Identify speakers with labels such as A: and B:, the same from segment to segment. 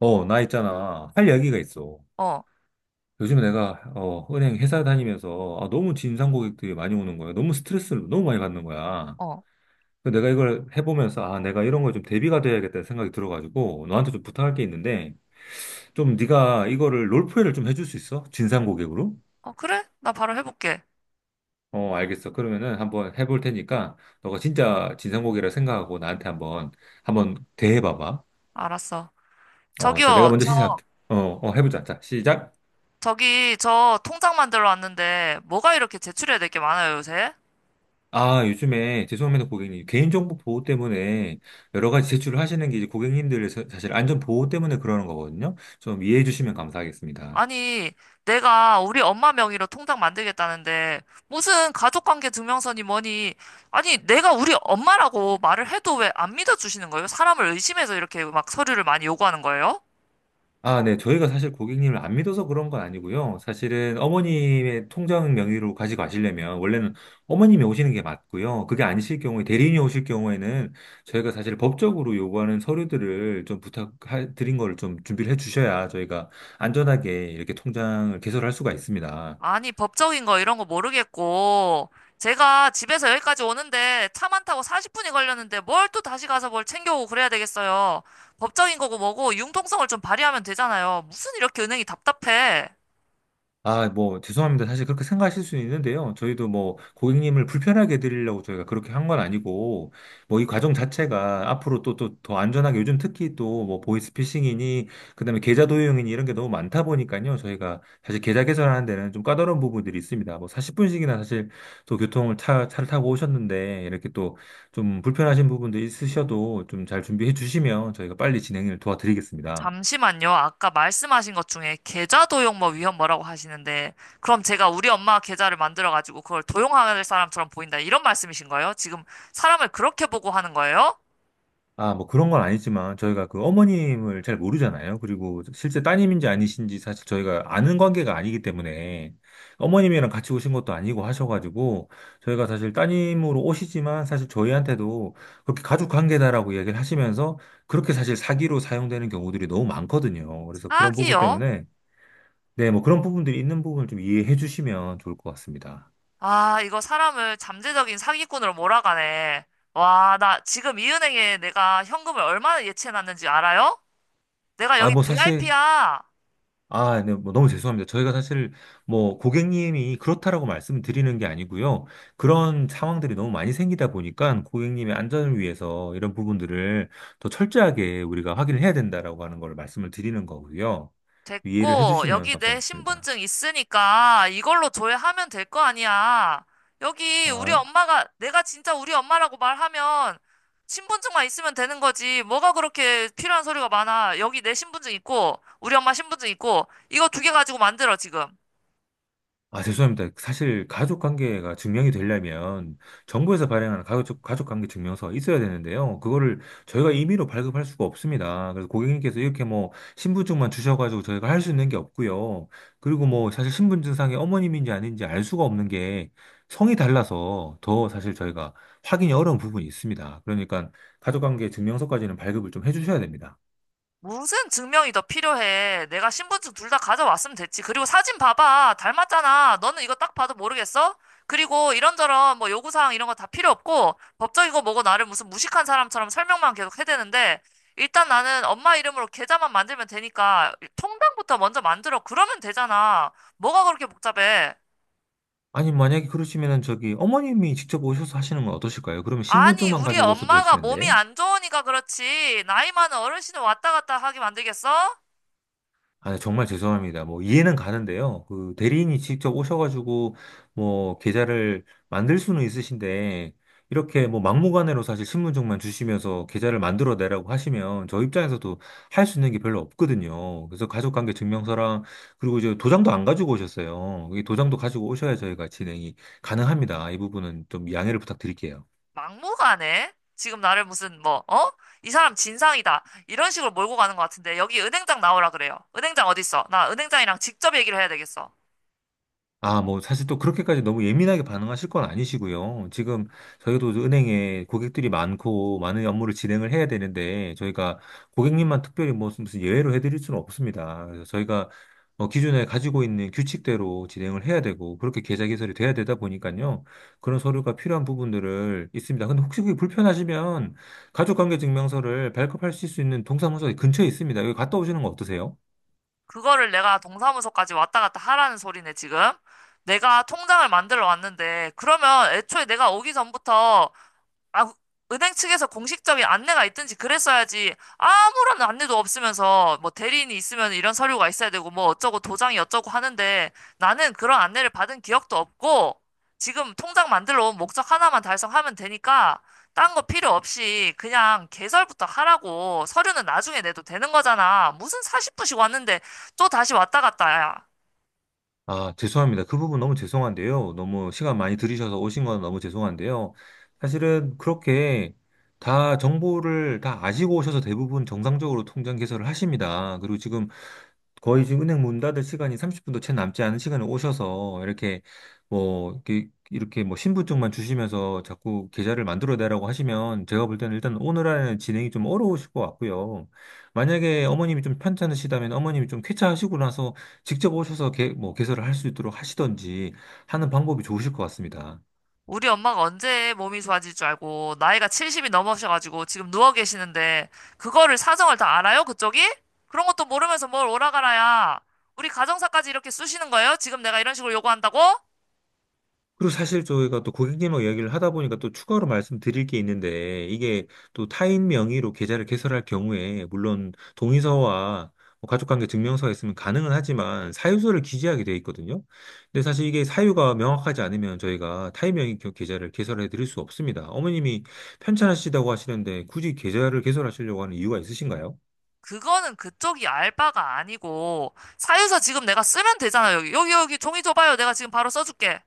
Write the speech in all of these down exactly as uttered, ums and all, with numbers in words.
A: 어, 나 있잖아. 할 이야기가 있어.
B: 어,
A: 요즘 내가, 어, 은행 회사 다니면서, 아, 너무 진상 고객들이 많이 오는 거야. 너무 스트레스를 너무 많이 받는 거야.
B: 어.
A: 그래서 내가 이걸 해보면서, 아, 내가 이런 거에 좀 대비가 돼야겠다는 생각이 들어가지고, 너한테 좀 부탁할 게 있는데, 좀 네가 이거를 롤플레이를 좀 해줄 수 있어? 진상 고객으로?
B: 어, 그래? 나 바로 해볼게.
A: 어, 알겠어. 그러면은 한번 해볼 테니까, 너가 진짜 진상 고객이라 생각하고 나한테 한번, 한번 대해봐봐.
B: 알았어.
A: 어, 자, 내가
B: 저기요,
A: 먼저 시작.
B: 저,
A: 어, 어, 해보자. 자, 시작.
B: 저기, 저 통장 만들어 왔는데, 뭐가 이렇게 제출해야 될 게 많아요, 요새?
A: 아, 요즘에 죄송합니다, 고객님. 개인정보 보호 때문에 여러 가지 제출을 하시는 게 이제 고객님들 사실 안전 보호 때문에 그러는 거거든요. 좀 이해해 주시면 감사하겠습니다.
B: 아니, 내가 우리 엄마 명의로 통장 만들겠다는데, 무슨 가족관계 증명서니 뭐니, 아니, 내가 우리 엄마라고 말을 해도 왜 안 믿어주시는 거예요? 사람을 의심해서 이렇게 막 서류를 많이 요구하는 거예요?
A: 아, 네. 저희가 사실 고객님을 안 믿어서 그런 건 아니고요. 사실은 어머님의 통장 명의로 가지고 가시려면 원래는 어머님이 오시는 게 맞고요. 그게 아니실 경우에 대리인이 오실 경우에는 저희가 사실 법적으로 요구하는 서류들을 좀 부탁드린 거를 좀 준비를 해 주셔야 저희가 안전하게 이렇게 통장을 개설할 수가 있습니다.
B: 아니, 법적인 거 이런 거 모르겠고, 제가 집에서 여기까지 오는데 차만 타고 사십 분이 걸렸는데 뭘 또 다시 가서 뭘 챙겨오고 그래야 되겠어요. 법적인 거고 뭐고 융통성을 좀 발휘하면 되잖아요. 무슨 이렇게 은행이 답답해.
A: 아, 뭐, 죄송합니다. 사실 그렇게 생각하실 수는 있는데요. 저희도 뭐, 고객님을 불편하게 드리려고 저희가 그렇게 한 건 아니고, 뭐, 이 과정 자체가 앞으로 또, 또, 더 안전하게 요즘 특히 또, 뭐, 보이스피싱이니, 그다음에 계좌 도용이니 이런 게 너무 많다 보니까요. 저희가 사실 계좌 개설하는 데는 좀 까다로운 부분들이 있습니다. 뭐, 사십 분씩이나 사실 또 교통을 차, 차를 타고 오셨는데, 이렇게 또 좀 불편하신 부분도 있으셔도 좀 잘 준비해 주시면 저희가 빨리 진행을 도와드리겠습니다.
B: 잠시만요. 아까 말씀하신 것 중에 계좌 도용 뭐 위험 뭐라고 하시는데, 그럼 제가 우리 엄마 계좌를 만들어가지고 그걸 도용할 사람처럼 보인다. 이런 말씀이신 거예요? 지금 사람을 그렇게 보고 하는 거예요?
A: 아, 뭐 그런 건 아니지만 저희가 그 어머님을 잘 모르잖아요. 그리고 실제 따님인지 아니신지 사실 저희가 아는 관계가 아니기 때문에 어머님이랑 같이 오신 것도 아니고 하셔가지고 저희가 사실 따님으로 오시지만 사실 저희한테도 그렇게 가족 관계다라고 얘기를 하시면서 그렇게 사실 사기로 사용되는 경우들이 너무 많거든요. 그래서 그런 부분
B: 사기요?
A: 때문에 네, 뭐 그런 부분들이 있는 부분을 좀 이해해 주시면 좋을 것 같습니다.
B: 아, 이거 사람을 잠재적인 사기꾼으로 몰아가네. 와, 나 지금 이 은행에 내가 현금을 얼마나 예치해놨는지 알아요? 내가
A: 아,
B: 여기
A: 뭐 사실
B: 브이아이피야.
A: 아, 네, 뭐 너무 죄송합니다. 저희가 사실 뭐 고객님이 그렇다라고 말씀드리는 게 아니고요. 그런 상황들이 너무 많이 생기다 보니까 고객님의 안전을 위해서 이런 부분들을 더 철저하게 우리가 확인을 해야 된다라고 하는 걸 말씀을 드리는 거고요. 이해를
B: 됐고,
A: 해주시면
B: 여기 내
A: 감사하겠습니다.
B: 신분증 있으니까 이걸로 조회하면 될 거 아니야. 여기 우리
A: 아,
B: 엄마가, 내가 진짜 우리 엄마라고 말하면 신분증만 있으면 되는 거지. 뭐가 그렇게 필요한 소리가 많아. 여기 내 신분증 있고, 우리 엄마 신분증 있고, 이거 두 개 가지고 만들어, 지금.
A: 아, 죄송합니다. 사실 가족 관계가 증명이 되려면 정부에서 발행하는 가족, 가족 관계 증명서가 있어야 되는데요. 그거를 저희가 임의로 발급할 수가 없습니다. 그래서 고객님께서 이렇게 뭐 신분증만 주셔가지고 저희가 할 수 있는 게 없고요. 그리고 뭐 사실 신분증상에 어머님인지 아닌지 알 수가 없는 게 성이 달라서 더 사실 저희가 확인이 어려운 부분이 있습니다. 그러니까 가족 관계 증명서까지는 발급을 좀 해주셔야 됩니다.
B: 무슨 증명이 더 필요해? 내가 신분증 둘 다 가져왔으면 됐지. 그리고 사진 봐봐. 닮았잖아. 너는 이거 딱 봐도 모르겠어? 그리고 이런저런 뭐 요구사항 이런 거 다 필요 없고 법적이고 뭐고 나를 무슨 무식한 사람처럼 설명만 계속 해대는데 일단 나는 엄마 이름으로 계좌만 만들면 되니까 통장부터 먼저 만들어. 그러면 되잖아. 뭐가 그렇게 복잡해?
A: 아니, 만약에 그러시면은 저기 어머님이 직접 오셔서 하시는 건 어떠실까요? 그러면
B: 아니,
A: 신분증만
B: 우리
A: 가지고 오셔도
B: 엄마가 몸이
A: 되시는데.
B: 안 좋으니까 그렇지. 나이 많은 어르신을 왔다 갔다 하게 만들겠어?
A: 아, 네, 정말 죄송합니다. 뭐, 이해는 가는데요. 그, 대리인이 직접 오셔가지고, 뭐, 계좌를 만들 수는 있으신데, 이렇게 뭐, 막무가내로 사실 신분증만 주시면서 계좌를 만들어 내라고 하시면, 저 입장에서도 할 수 있는 게 별로 없거든요. 그래서 가족관계 증명서랑, 그리고 이제 도장도 안 가지고 오셨어요. 이 도장도 가지고 오셔야 저희가 진행이 가능합니다. 이 부분은 좀 양해를 부탁드릴게요.
B: 막무가내? 지금 나를 무슨 뭐, 어? 이 사람 진상이다. 이런 식으로 몰고 가는 것 같은데 여기 은행장 나오라 그래요. 은행장 어디 있어? 나 은행장이랑 직접 얘기를 해야 되겠어.
A: 아, 뭐, 사실 또 그렇게까지 너무 예민하게 반응하실 건 아니시고요. 지금 저희도 은행에 고객들이 많고 많은 업무를 진행을 해야 되는데 저희가 고객님만 특별히 뭐 무슨 예외로 해드릴 수는 없습니다. 그래서 저희가 어, 기존에 가지고 있는 규칙대로 진행을 해야 되고 그렇게 계좌 개설이 돼야 되다 보니까요. 그런 서류가 필요한 부분들을 있습니다. 근데 혹시 그게 불편하시면 가족관계증명서를 발급하실 수 있는 동사무소 근처에 있습니다. 여기 갔다 오시는 거 어떠세요?
B: 그거를 내가 동사무소까지 왔다 갔다 하라는 소리네, 지금. 내가 통장을 만들어 왔는데 그러면 애초에 내가 오기 전부터 아, 은행 측에서 공식적인 안내가 있든지 그랬어야지 아무런 안내도 없으면서 뭐 대리인이 있으면 이런 서류가 있어야 되고 뭐 어쩌고 도장이 어쩌고 하는데 나는 그런 안내를 받은 기억도 없고 지금 통장 만들러 온 목적 하나만 달성하면 되니까 딴 거 필요 없이 그냥 개설부터 하라고 서류는 나중에 내도 되는 거잖아. 무슨 사십 분씩 왔는데 또 다시 왔다 갔다 야.
A: 아, 죄송합니다. 그 부분 너무 죄송한데요. 너무 시간 많이 들이셔서 오신 건 너무 죄송한데요. 사실은 그렇게 다 정보를 다 아시고 오셔서 대부분 정상적으로 통장 개설을 하십니다. 그리고 지금 거의 지금 은행 문 닫을 시간이 삼십 분도 채 남지 않은 시간에 오셔서 이렇게 뭐 이렇게 이렇게 뭐 신분증만 주시면서 자꾸 계좌를 만들어내라고 하시면 제가 볼 때는 일단 오늘 안에 진행이 좀 어려우실 것 같고요. 만약에 어머님이 좀 편찮으시다면 어머님이 좀 쾌차하시고 나서 직접 오셔서 개, 뭐 개설을 할 수 있도록 하시던지 하는 방법이 좋으실 것 같습니다.
B: 우리 엄마가 언제 몸이 좋아질 줄 알고 나이가 칠십이 넘으셔가지고 지금 누워 계시는데 그거를 사정을 다 알아요? 그쪽이? 그런 것도 모르면서 뭘 오라가라야. 우리 가정사까지 이렇게 쑤시는 거예요? 지금 내가 이런 식으로 요구한다고?
A: 그리고 사실 저희가 또 고객님하고 이야기를 하다 보니까 또 추가로 말씀드릴 게 있는데 이게 또 타인 명의로 계좌를 개설할 경우에 물론 동의서와 뭐 가족관계 증명서가 있으면 가능은 하지만 사유서를 기재하게 돼 있거든요. 근데 사실 이게 사유가 명확하지 않으면 저희가 타인 명의 겨- 계좌를 개설해 드릴 수 없습니다. 어머님이 편찮으시다고 하시는데 굳이 계좌를 개설하시려고 하는 이유가 있으신가요?
B: 그거는 그쪽이 알 바가 아니고 사유서 지금 내가 쓰면 되잖아요. 여기 여기 여기 종이 줘봐요. 내가 지금 바로 써줄게.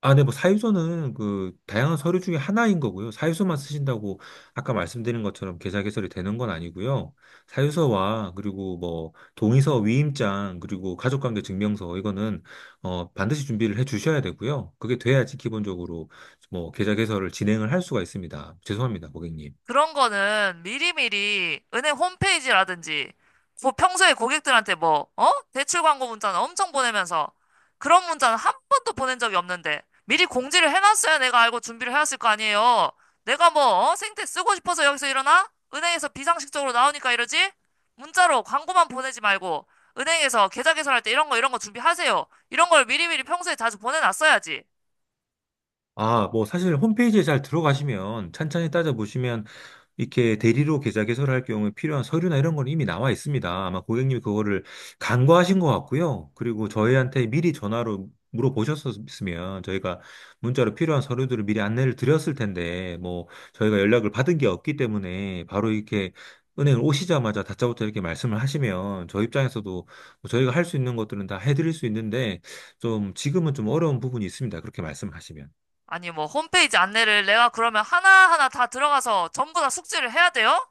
A: 아, 네, 뭐 사유서는 그 다양한 서류 중에 하나인 거고요. 사유서만 쓰신다고 아까 말씀드린 것처럼 계좌 개설이 되는 건 아니고요. 사유서와 그리고 뭐 동의서, 위임장, 그리고 가족관계 증명서 이거는 어 반드시 준비를 해 주셔야 되고요. 그게 돼야지 기본적으로 뭐 계좌 개설을 진행을 할 수가 있습니다. 죄송합니다, 고객님.
B: 그런 거는 미리미리 은행 홈페이지라든지 뭐 평소에 고객들한테 뭐, 어? 대출 광고 문자는 엄청 보내면서 그런 문자는 한 번도 보낸 적이 없는데 미리 공지를 해놨어야 내가 알고 준비를 해왔을 거 아니에요. 내가 뭐, 어? 생태 쓰고 싶어서 여기서 일어나? 은행에서 비상식적으로 나오니까 이러지? 문자로 광고만 보내지 말고 은행에서 계좌 개설할 때 이런 거 이런 거 준비하세요. 이런 걸 미리미리 평소에 자주 보내놨어야지.
A: 아, 뭐 사실 홈페이지에 잘 들어가시면 찬찬히 따져보시면 이렇게 대리로 계좌 개설할 경우에 필요한 서류나 이런 건 이미 나와 있습니다. 아마 고객님 이 그거를 간과하신 것 같고요. 그리고 저희한테 미리 전화로 물어보셨으면 저희가 문자로 필요한 서류들을 미리 안내를 드렸을 텐데 뭐 저희가 연락을 받은 게 없기 때문에 바로 이렇게 은행을 오시자마자 다짜고짜 이렇게 말씀을 하시면 저희 입장에서도 뭐 저희가 할 수 있는 것들은 다 해드릴 수 있는데 좀 지금은 좀 어려운 부분이 있습니다. 그렇게 말씀하시면.
B: 아니, 뭐, 홈페이지 안내를 내가 그러면 하나하나 다 들어가서 전부 다 숙지를 해야 돼요?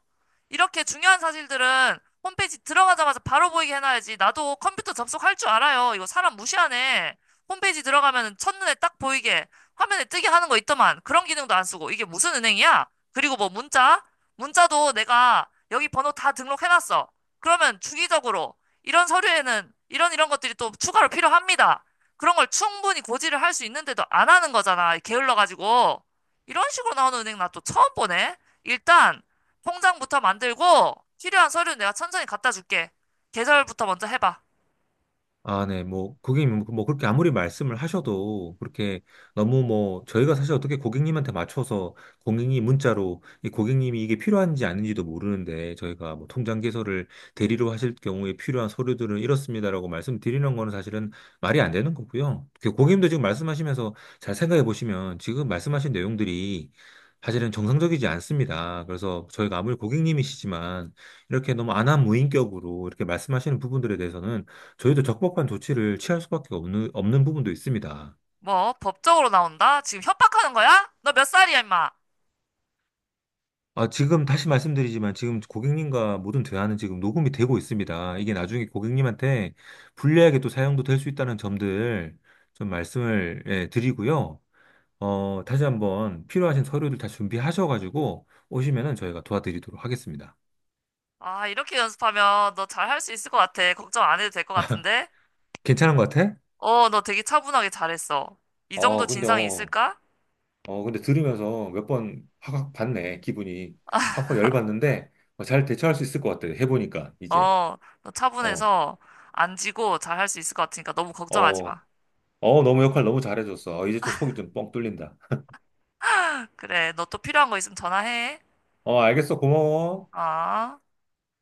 B: 이렇게 중요한 사실들은 홈페이지 들어가자마자 바로 보이게 해놔야지. 나도 컴퓨터 접속할 줄 알아요. 이거 사람 무시하네. 홈페이지 들어가면 첫눈에 딱 보이게 화면에 뜨게 하는 거 있더만. 그런 기능도 안 쓰고. 이게 무슨 은행이야? 그리고 뭐 문자? 문자도 내가 여기 번호 다 등록해놨어. 그러면 주기적으로 이런 서류에는 이런 이런 것들이 또 추가로 필요합니다. 그런 걸 충분히 고지를 할 수 있는데도 안 하는 거잖아. 게을러가지고. 이런 식으로 나오는 은행 나 또 처음 보네. 일단, 통장부터 만들고, 필요한 서류 내가 천천히 갖다 줄게. 계절부터 먼저 해봐.
A: 아, 네, 뭐, 고객님, 뭐, 그렇게 아무리 말씀을 하셔도, 그렇게 너무 뭐, 저희가 사실 어떻게 고객님한테 맞춰서, 고객님 문자로, 이 고객님이 이게 필요한지 아닌지도 모르는데, 저희가 뭐, 통장 개설을 대리로 하실 경우에 필요한 서류들은 이렇습니다라고 말씀드리는 거는 사실은 말이 안 되는 거고요. 그 고객님도 지금 말씀하시면서 잘 생각해 보시면, 지금 말씀하신 내용들이 사실은 정상적이지 않습니다. 그래서 저희가 아무리 고객님이시지만, 이렇게 너무 안한 무인격으로 이렇게 말씀하시는 부분들에 대해서는 저희도 적법한 조치를 취할 수밖에 없는, 없는 부분도 있습니다.
B: 뭐, 법적으로 나온다? 지금 협박하는 거야? 너 몇 살이야, 임마?
A: 아, 지금 다시 말씀드리지만 지금 고객님과 모든 대화는 지금 녹음이 되고 있습니다. 이게 나중에 고객님한테 불리하게 또 사용도 될 수 있다는 점들 좀 말씀을 예, 드리고요. 어, 다시 한번 필요하신 서류들 다 준비하셔가지고 오시면은 저희가 도와드리도록 하겠습니다.
B: 아, 이렇게 연습하면 너 잘 할 수 있을 것 같아. 걱정 안 해도 될 것 같은데?
A: 괜찮은 것 같아?
B: 어, 너 되게 차분하게 잘했어. 이 정도
A: 어, 근데
B: 진상이
A: 어,
B: 있을까?
A: 어, 근데 들으면서 몇 번 확확 봤네, 기분이. 확확 열받는데 어, 잘 대처할 수 있을 것 같아, 해보니까, 이제.
B: 어, 너
A: 어.
B: 차분해서 안 지고 잘 할 수 있을 것 같으니까 너무 걱정하지 마.
A: 어, 어, 너무 역할 너무 잘해줬어. 어, 이제 좀 속이 좀 뻥 뚫린다.
B: 그래, 너 또 필요한 거 있으면 전화해.
A: 어, 알겠어. 고마워.
B: 어?